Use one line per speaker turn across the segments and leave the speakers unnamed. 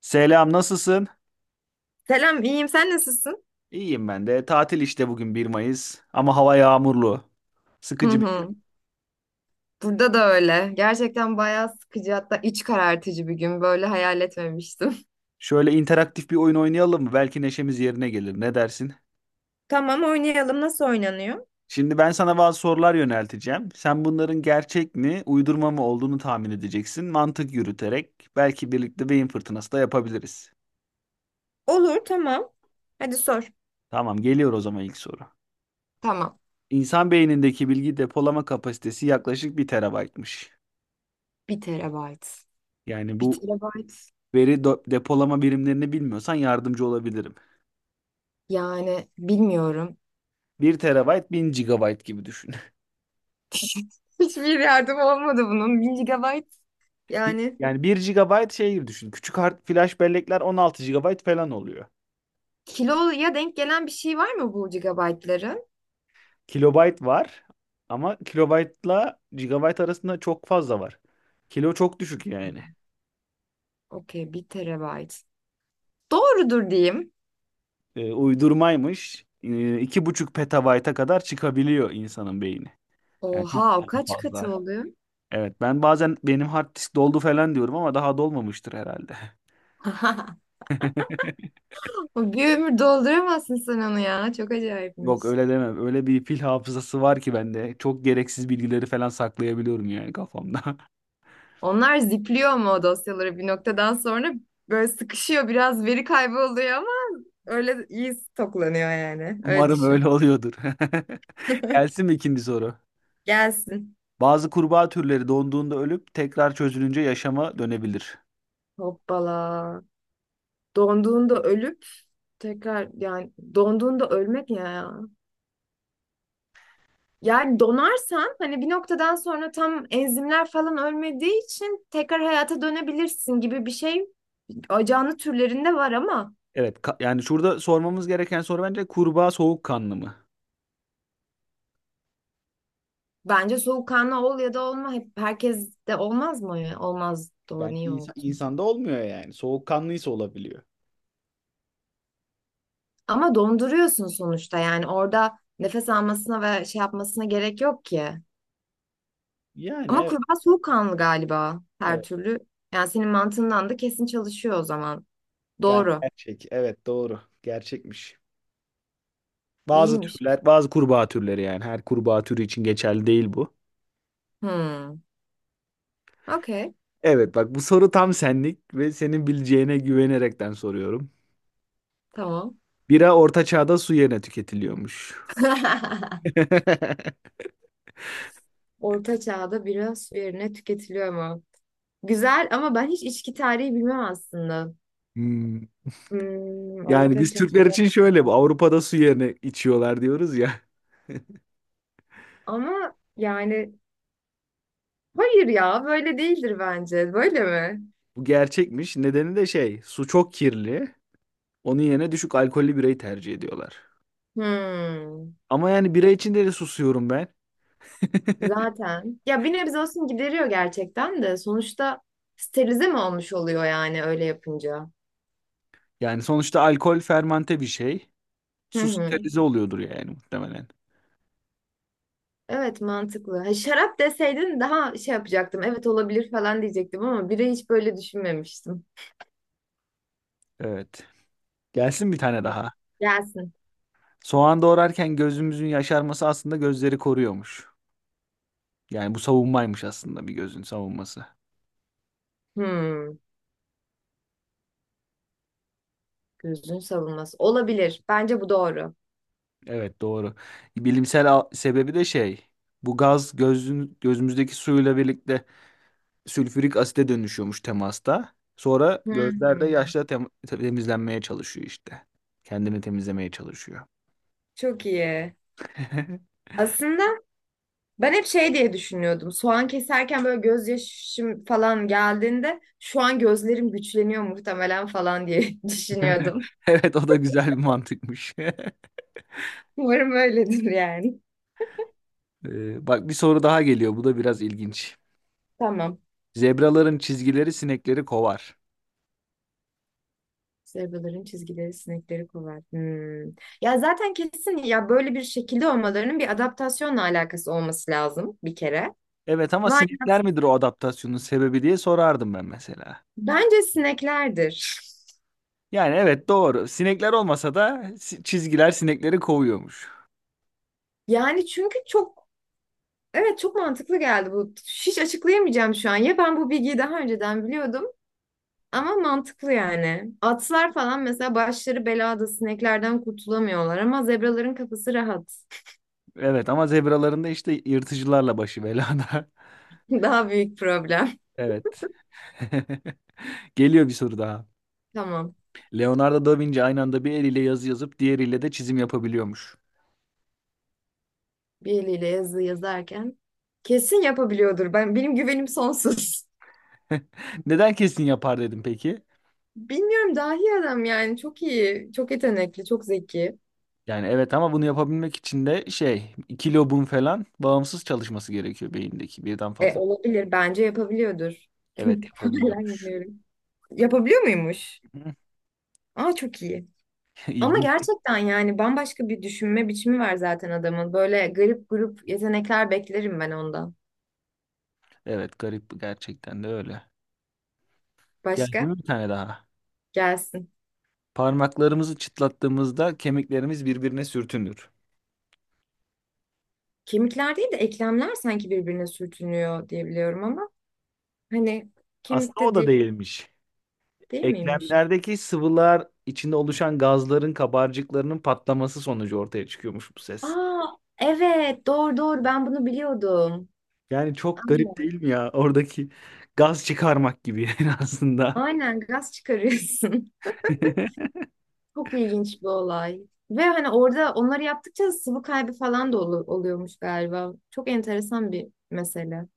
Selam, nasılsın?
Selam, iyiyim. Sen nasılsın?
İyiyim ben de. Tatil işte bugün 1 Mayıs ama hava yağmurlu.
Hı
Sıkıcı bir gün.
hı. Burada da öyle. Gerçekten bayağı sıkıcı, hatta iç karartıcı bir gün. Böyle hayal etmemiştim.
Şöyle interaktif bir oyun oynayalım mı? Belki neşemiz yerine gelir. Ne dersin?
Tamam, oynayalım. Nasıl oynanıyor?
Şimdi ben sana bazı sorular yönelteceğim. Sen bunların gerçek mi, uydurma mı olduğunu tahmin edeceksin. Mantık yürüterek belki birlikte beyin fırtınası da yapabiliriz.
Olur, tamam. Hadi sor.
Tamam, geliyor o zaman ilk soru.
Tamam.
İnsan beynindeki bilgi depolama kapasitesi yaklaşık bir terabaytmış.
Bir terabayt.
Yani
Bir
bu
terabayt.
depolama birimlerini bilmiyorsan yardımcı olabilirim.
Yani bilmiyorum.
Bir terabayt 1000 gigabayt gibi düşün.
Hiçbir yardım olmadı bunun. Bir gigabayt. Yani
Yani bir gigabayt şey gibi düşün. Küçük hard flash bellekler 16 gigabayt falan oluyor.
kiloya denk gelen bir şey var mı bu gigabaytların?
Kilobayt var ama kilobaytla gigabayt arasında çok fazla var. Kilo çok düşük yani.
Okey, bir terabayt. Doğrudur diyeyim.
Uydurmaymış. İki buçuk petabayta kadar çıkabiliyor insanın beyni. Yani çok
Oha, o kaç katı
fazla.
oluyor?
Evet, ben bazen benim hard disk doldu falan diyorum ama daha dolmamıştır herhalde.
O bir ömür dolduramazsın sen onu ya. Çok
Yok
acayipmiş.
öyle demem. Öyle bir fil hafızası var ki bende. Çok gereksiz bilgileri falan saklayabiliyorum yani kafamda.
Onlar zipliyor ama o dosyaları bir noktadan sonra böyle sıkışıyor. Biraz veri kaybı oluyor ama öyle iyi stoklanıyor yani. Öyle
Umarım
düşün.
öyle oluyordur. Gelsin mi ikinci soru?
Gelsin.
Bazı kurbağa türleri donduğunda ölüp tekrar çözülünce yaşama dönebilir.
Hoppala. Donduğunda ölüp tekrar, yani donduğunda ölmek ne ya. Yani donarsan, hani bir noktadan sonra tam enzimler falan ölmediği için tekrar hayata dönebilirsin gibi bir şey. Canlı türlerinde var ama.
Evet, yani şurada sormamız gereken soru bence kurbağa soğukkanlı mı?
Bence soğukkanlı ol ya da olma. Hep herkes de olmaz mı ya? Olmaz. Doğru,
Bence
niye
insan,
olsun?
insanda olmuyor yani. Soğukkanlıysa olabiliyor.
Ama donduruyorsun sonuçta, yani orada nefes almasına ve şey yapmasına gerek yok ki.
Yani
Ama
evet,
kurbağa soğukkanlı galiba her
evet.
türlü. Yani senin mantığından da kesin çalışıyor o zaman.
Yani
Doğru.
gerçek. Evet, doğru. Gerçekmiş. Bazı
İyiymiş.
türler, bazı kurbağa türleri yani her kurbağa türü için geçerli değil bu.
Hmm. Okey.
Evet, bak bu soru tam senlik ve senin bileceğine güvenerekten soruyorum.
Tamam.
Bira Orta Çağ'da su yerine tüketiliyormuş.
Orta çağda bira su yerine tüketiliyor mu? Güzel, ama ben hiç içki tarihi bilmem aslında.
Hmm. Yani
Orta
biz Türkler
çağda.
için şöyle bu Avrupa'da su yerine içiyorlar diyoruz ya.
Ama yani hayır ya, böyle değildir bence. Böyle mi?
Bu gerçekmiş. Nedeni de şey, su çok kirli. Onun yerine düşük alkollü birayı tercih ediyorlar.
Hmm,
Ama yani bira içinde de susuyorum ben.
zaten. Ya bir nebze olsun gideriyor gerçekten de sonuçta, sterilize mi olmuş oluyor yani öyle yapınca?
Yani sonuçta alkol fermente bir şey.
Hı
Su
hı.
sterilize oluyordur yani muhtemelen.
Evet, mantıklı. Ha, şarap deseydin daha şey yapacaktım. Evet olabilir falan diyecektim ama bire hiç böyle düşünmemiştim.
Evet. Gelsin bir tane daha.
Gelsin.
Soğan doğrarken gözümüzün yaşarması aslında gözleri koruyormuş. Yani bu savunmaymış aslında, bir gözün savunması.
Hmm, gözün savunması. Olabilir. Bence bu doğru.
Evet, doğru. Sebebi de şey. Bu gaz gözün, gözümüzdeki suyla birlikte sülfürik asite dönüşüyormuş temasta. Sonra
Hı
gözler de
hı.
yaşla temizlenmeye çalışıyor işte. Kendini temizlemeye çalışıyor.
Çok iyi. Aslında ben hep şey diye düşünüyordum. Soğan keserken böyle gözyaşım falan geldiğinde, şu an gözlerim güçleniyor muhtemelen falan diye düşünüyordum.
Evet, o da güzel bir mantıkmış.
Umarım öyledir yani.
Bak bir soru daha geliyor. Bu da biraz ilginç.
Tamam.
Zebraların çizgileri sinekleri kovar.
Zebraların çizgileri sinekleri kovar. Hmm. Ya zaten kesin ya, böyle bir şekilde olmalarının bir adaptasyonla alakası olması lazım bir kere.
Evet, ama
Vay,
sinekler midir o adaptasyonun sebebi diye sorardım ben mesela.
bence sineklerdir.
Yani evet, doğru. Sinekler olmasa da çizgiler sinekleri kovuyormuş.
Yani çünkü çok, evet, çok mantıklı geldi bu. Hiç açıklayamayacağım şu an. Ya, ben bu bilgiyi daha önceden biliyordum. Ama mantıklı yani. Atlar falan mesela başları belada, sineklerden kurtulamıyorlar, ama zebraların kafası rahat.
Evet, ama zebraların da işte yırtıcılarla başı belada.
Daha büyük problem.
Evet. Geliyor bir soru daha.
Tamam.
Leonardo da Vinci aynı anda bir eliyle yazı yazıp diğeriyle de çizim yapabiliyormuş.
Bir eliyle yazı yazarken kesin yapabiliyordur. Ben, benim güvenim sonsuz.
Neden kesin yapar dedim peki?
Bilmiyorum, dahi adam yani. Çok iyi, çok yetenekli, çok zeki.
Yani evet, ama bunu yapabilmek için de şey, iki lobun falan bağımsız çalışması gerekiyor beyindeki, birden
E,
fazla.
olabilir, bence yapabiliyordur.
Evet,
Hala
yapabiliyormuş.
inanıyorum. Yapabiliyor muymuş? Aa, çok iyi. Ama
İlginç.
gerçekten yani bambaşka bir düşünme biçimi var zaten adamın. Böyle garip grup yetenekler beklerim ben ondan.
Evet, garip gerçekten de öyle. Geldi
Başka?
mi bir tane daha?
Gelsin.
Parmaklarımızı çıtlattığımızda kemiklerimiz birbirine sürtünür.
Kemikler değil de eklemler sanki birbirine sürtünüyor diye biliyorum, ama hani
Aslında o
kemikte
da
değil,
değilmiş.
değil miymiş?
Eklemlerdeki sıvılar içinde oluşan gazların kabarcıklarının patlaması sonucu ortaya çıkıyormuş bu ses.
Aa, evet, doğru doğru, ben bunu biliyordum.
Yani çok garip
Aynen.
değil mi ya? Oradaki gaz çıkarmak gibi yani aslında.
Aynen, gaz çıkarıyorsun. Çok ilginç bir olay. Ve hani orada onları yaptıkça sıvı kaybı falan da oluyormuş galiba. Çok enteresan bir mesele.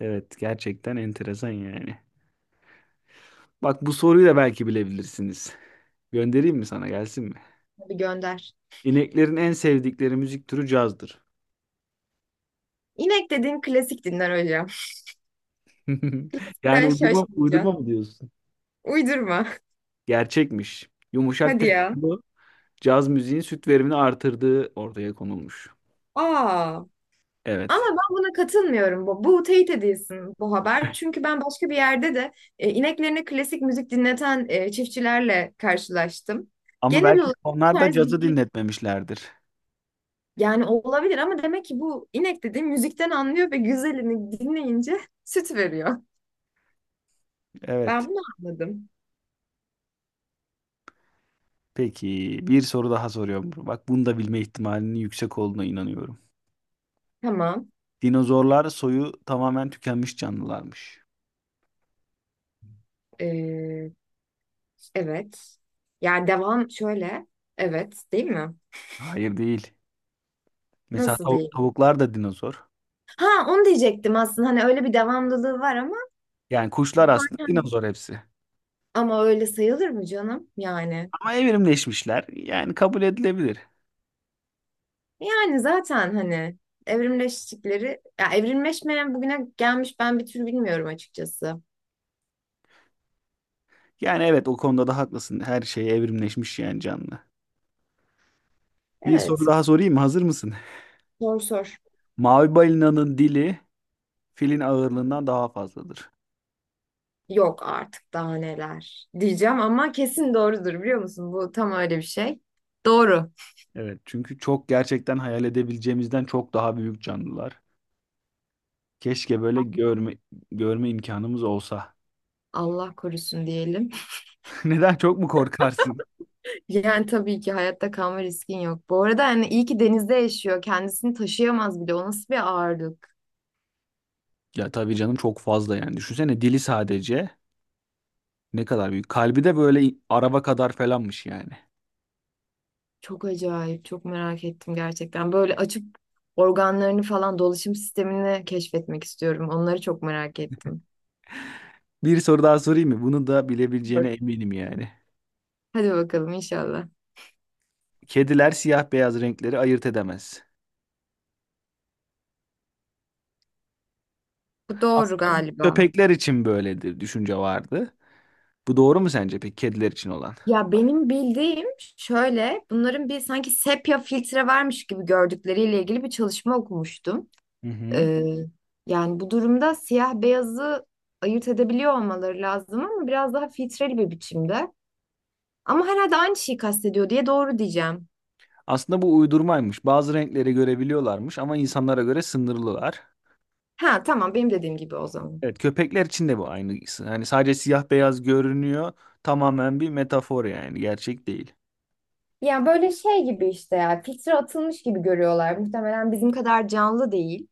Evet, gerçekten enteresan yani. Bak bu soruyu da belki bilebilirsiniz. Göndereyim mi, sana gelsin mi?
Bir gönder.
İneklerin en sevdikleri müzik türü cazdır.
İnek dediğin klasik dinler hocam.
Yani
Sen
uydurma, uydurma
şaşmayacaksın.
mı diyorsun?
Uydurma.
Gerçekmiş. Yumuşak
Hadi ya.
tempolu caz müziğin süt verimini artırdığı ortaya konulmuş.
Aa. Ama
Evet.
ben buna katılmıyorum. Bu teyit edilsin bu haber. Çünkü ben başka bir yerde de ineklerini klasik müzik dinleten çiftçilerle karşılaştım.
Ama
Genel
belki
olarak bu
onlar da
tarz
cazı
güzel,
dinletmemişlerdir.
yani olabilir ama demek ki bu inek dediğim müzikten anlıyor ve güzelini dinleyince süt veriyor. Ben
Evet.
bunu anladım.
Peki bir soru daha soruyorum. Bak, bunu da bilme ihtimalinin yüksek olduğuna inanıyorum.
Tamam.
Dinozorlar soyu tamamen tükenmiş canlılarmış.
Ee, evet. Yani devam şöyle. Evet, değil mi?
Hayır, değil. Mesela
Nasıl değil?
tavuklar da dinozor.
Ha, onu diyecektim aslında. Hani öyle bir devamlılığı var ama.
Yani kuşlar aslında
Aynen.
dinozor hepsi.
Ama öyle sayılır mı canım? Yani.
Ama evrimleşmişler. Yani kabul edilebilir.
Yani zaten, hani evrimleştikleri ya, evrimleşmeyen bugüne gelmiş, ben bir tür bilmiyorum açıkçası.
Yani evet, o konuda da haklısın. Her şey evrimleşmiş yani, canlı. Bir soru
Evet.
daha sorayım mı? Hazır mısın?
Sor sor.
Mavi balinanın dili filin ağırlığından daha fazladır.
Yok artık, daha neler diyeceğim ama kesin doğrudur, biliyor musun? Bu tam öyle bir şey. Doğru.
Evet, çünkü çok gerçekten hayal edebileceğimizden çok daha büyük canlılar. Keşke böyle görme imkanımız olsa.
Allah korusun diyelim.
Neden, çok mu korkarsın?
Yani tabii ki hayatta kalma riskin yok. Bu arada hani iyi ki denizde yaşıyor. Kendisini taşıyamaz bile. O nasıl bir ağırlık?
Ya tabii canım, çok fazla yani. Düşünsene dili sadece ne kadar büyük. Kalbi de böyle araba kadar falanmış yani.
Çok acayip, çok merak ettim gerçekten. Böyle açıp organlarını falan, dolaşım sistemini keşfetmek istiyorum. Onları çok merak ettim.
Bir soru daha sorayım mı? Bunu da bilebileceğine
Var.
eminim yani.
Hadi bakalım inşallah.
Kediler siyah beyaz renkleri ayırt edemez.
Bu doğru
Aslında bu
galiba.
köpekler için böyledir düşünce vardı. Bu doğru mu sence peki, kediler için olan?
Ya, benim bildiğim şöyle, bunların bir sanki sepya filtre varmış gibi gördükleriyle ilgili bir çalışma okumuştum.
Hı hı.
Ee, yani bu durumda siyah beyazı ayırt edebiliyor olmaları lazım, ama biraz daha filtreli bir biçimde. Ama herhalde aynı şeyi kastediyor diye doğru diyeceğim.
Aslında bu uydurmaymış. Bazı renkleri görebiliyorlarmış ama insanlara göre sınırlılar.
Ha, tamam, benim dediğim gibi o zaman.
Evet, köpekler için de bu aynı. Hani sadece siyah beyaz görünüyor. Tamamen bir metafor yani, gerçek değil.
Yani böyle şey gibi işte, ya, filtre atılmış gibi görüyorlar. Muhtemelen bizim kadar canlı değil,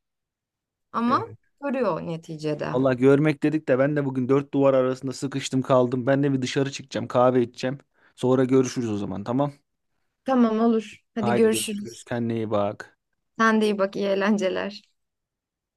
ama
Evet.
görüyor neticede.
Valla görmek dedik de ben de bugün dört duvar arasında sıkıştım kaldım. Ben de bir dışarı çıkacağım, kahve içeceğim. Sonra görüşürüz o zaman, tamam?
Tamam, olur. Hadi
Haydi görüşürüz.
görüşürüz.
Kendine iyi bak.
Sen de iyi bak, iyi eğlenceler.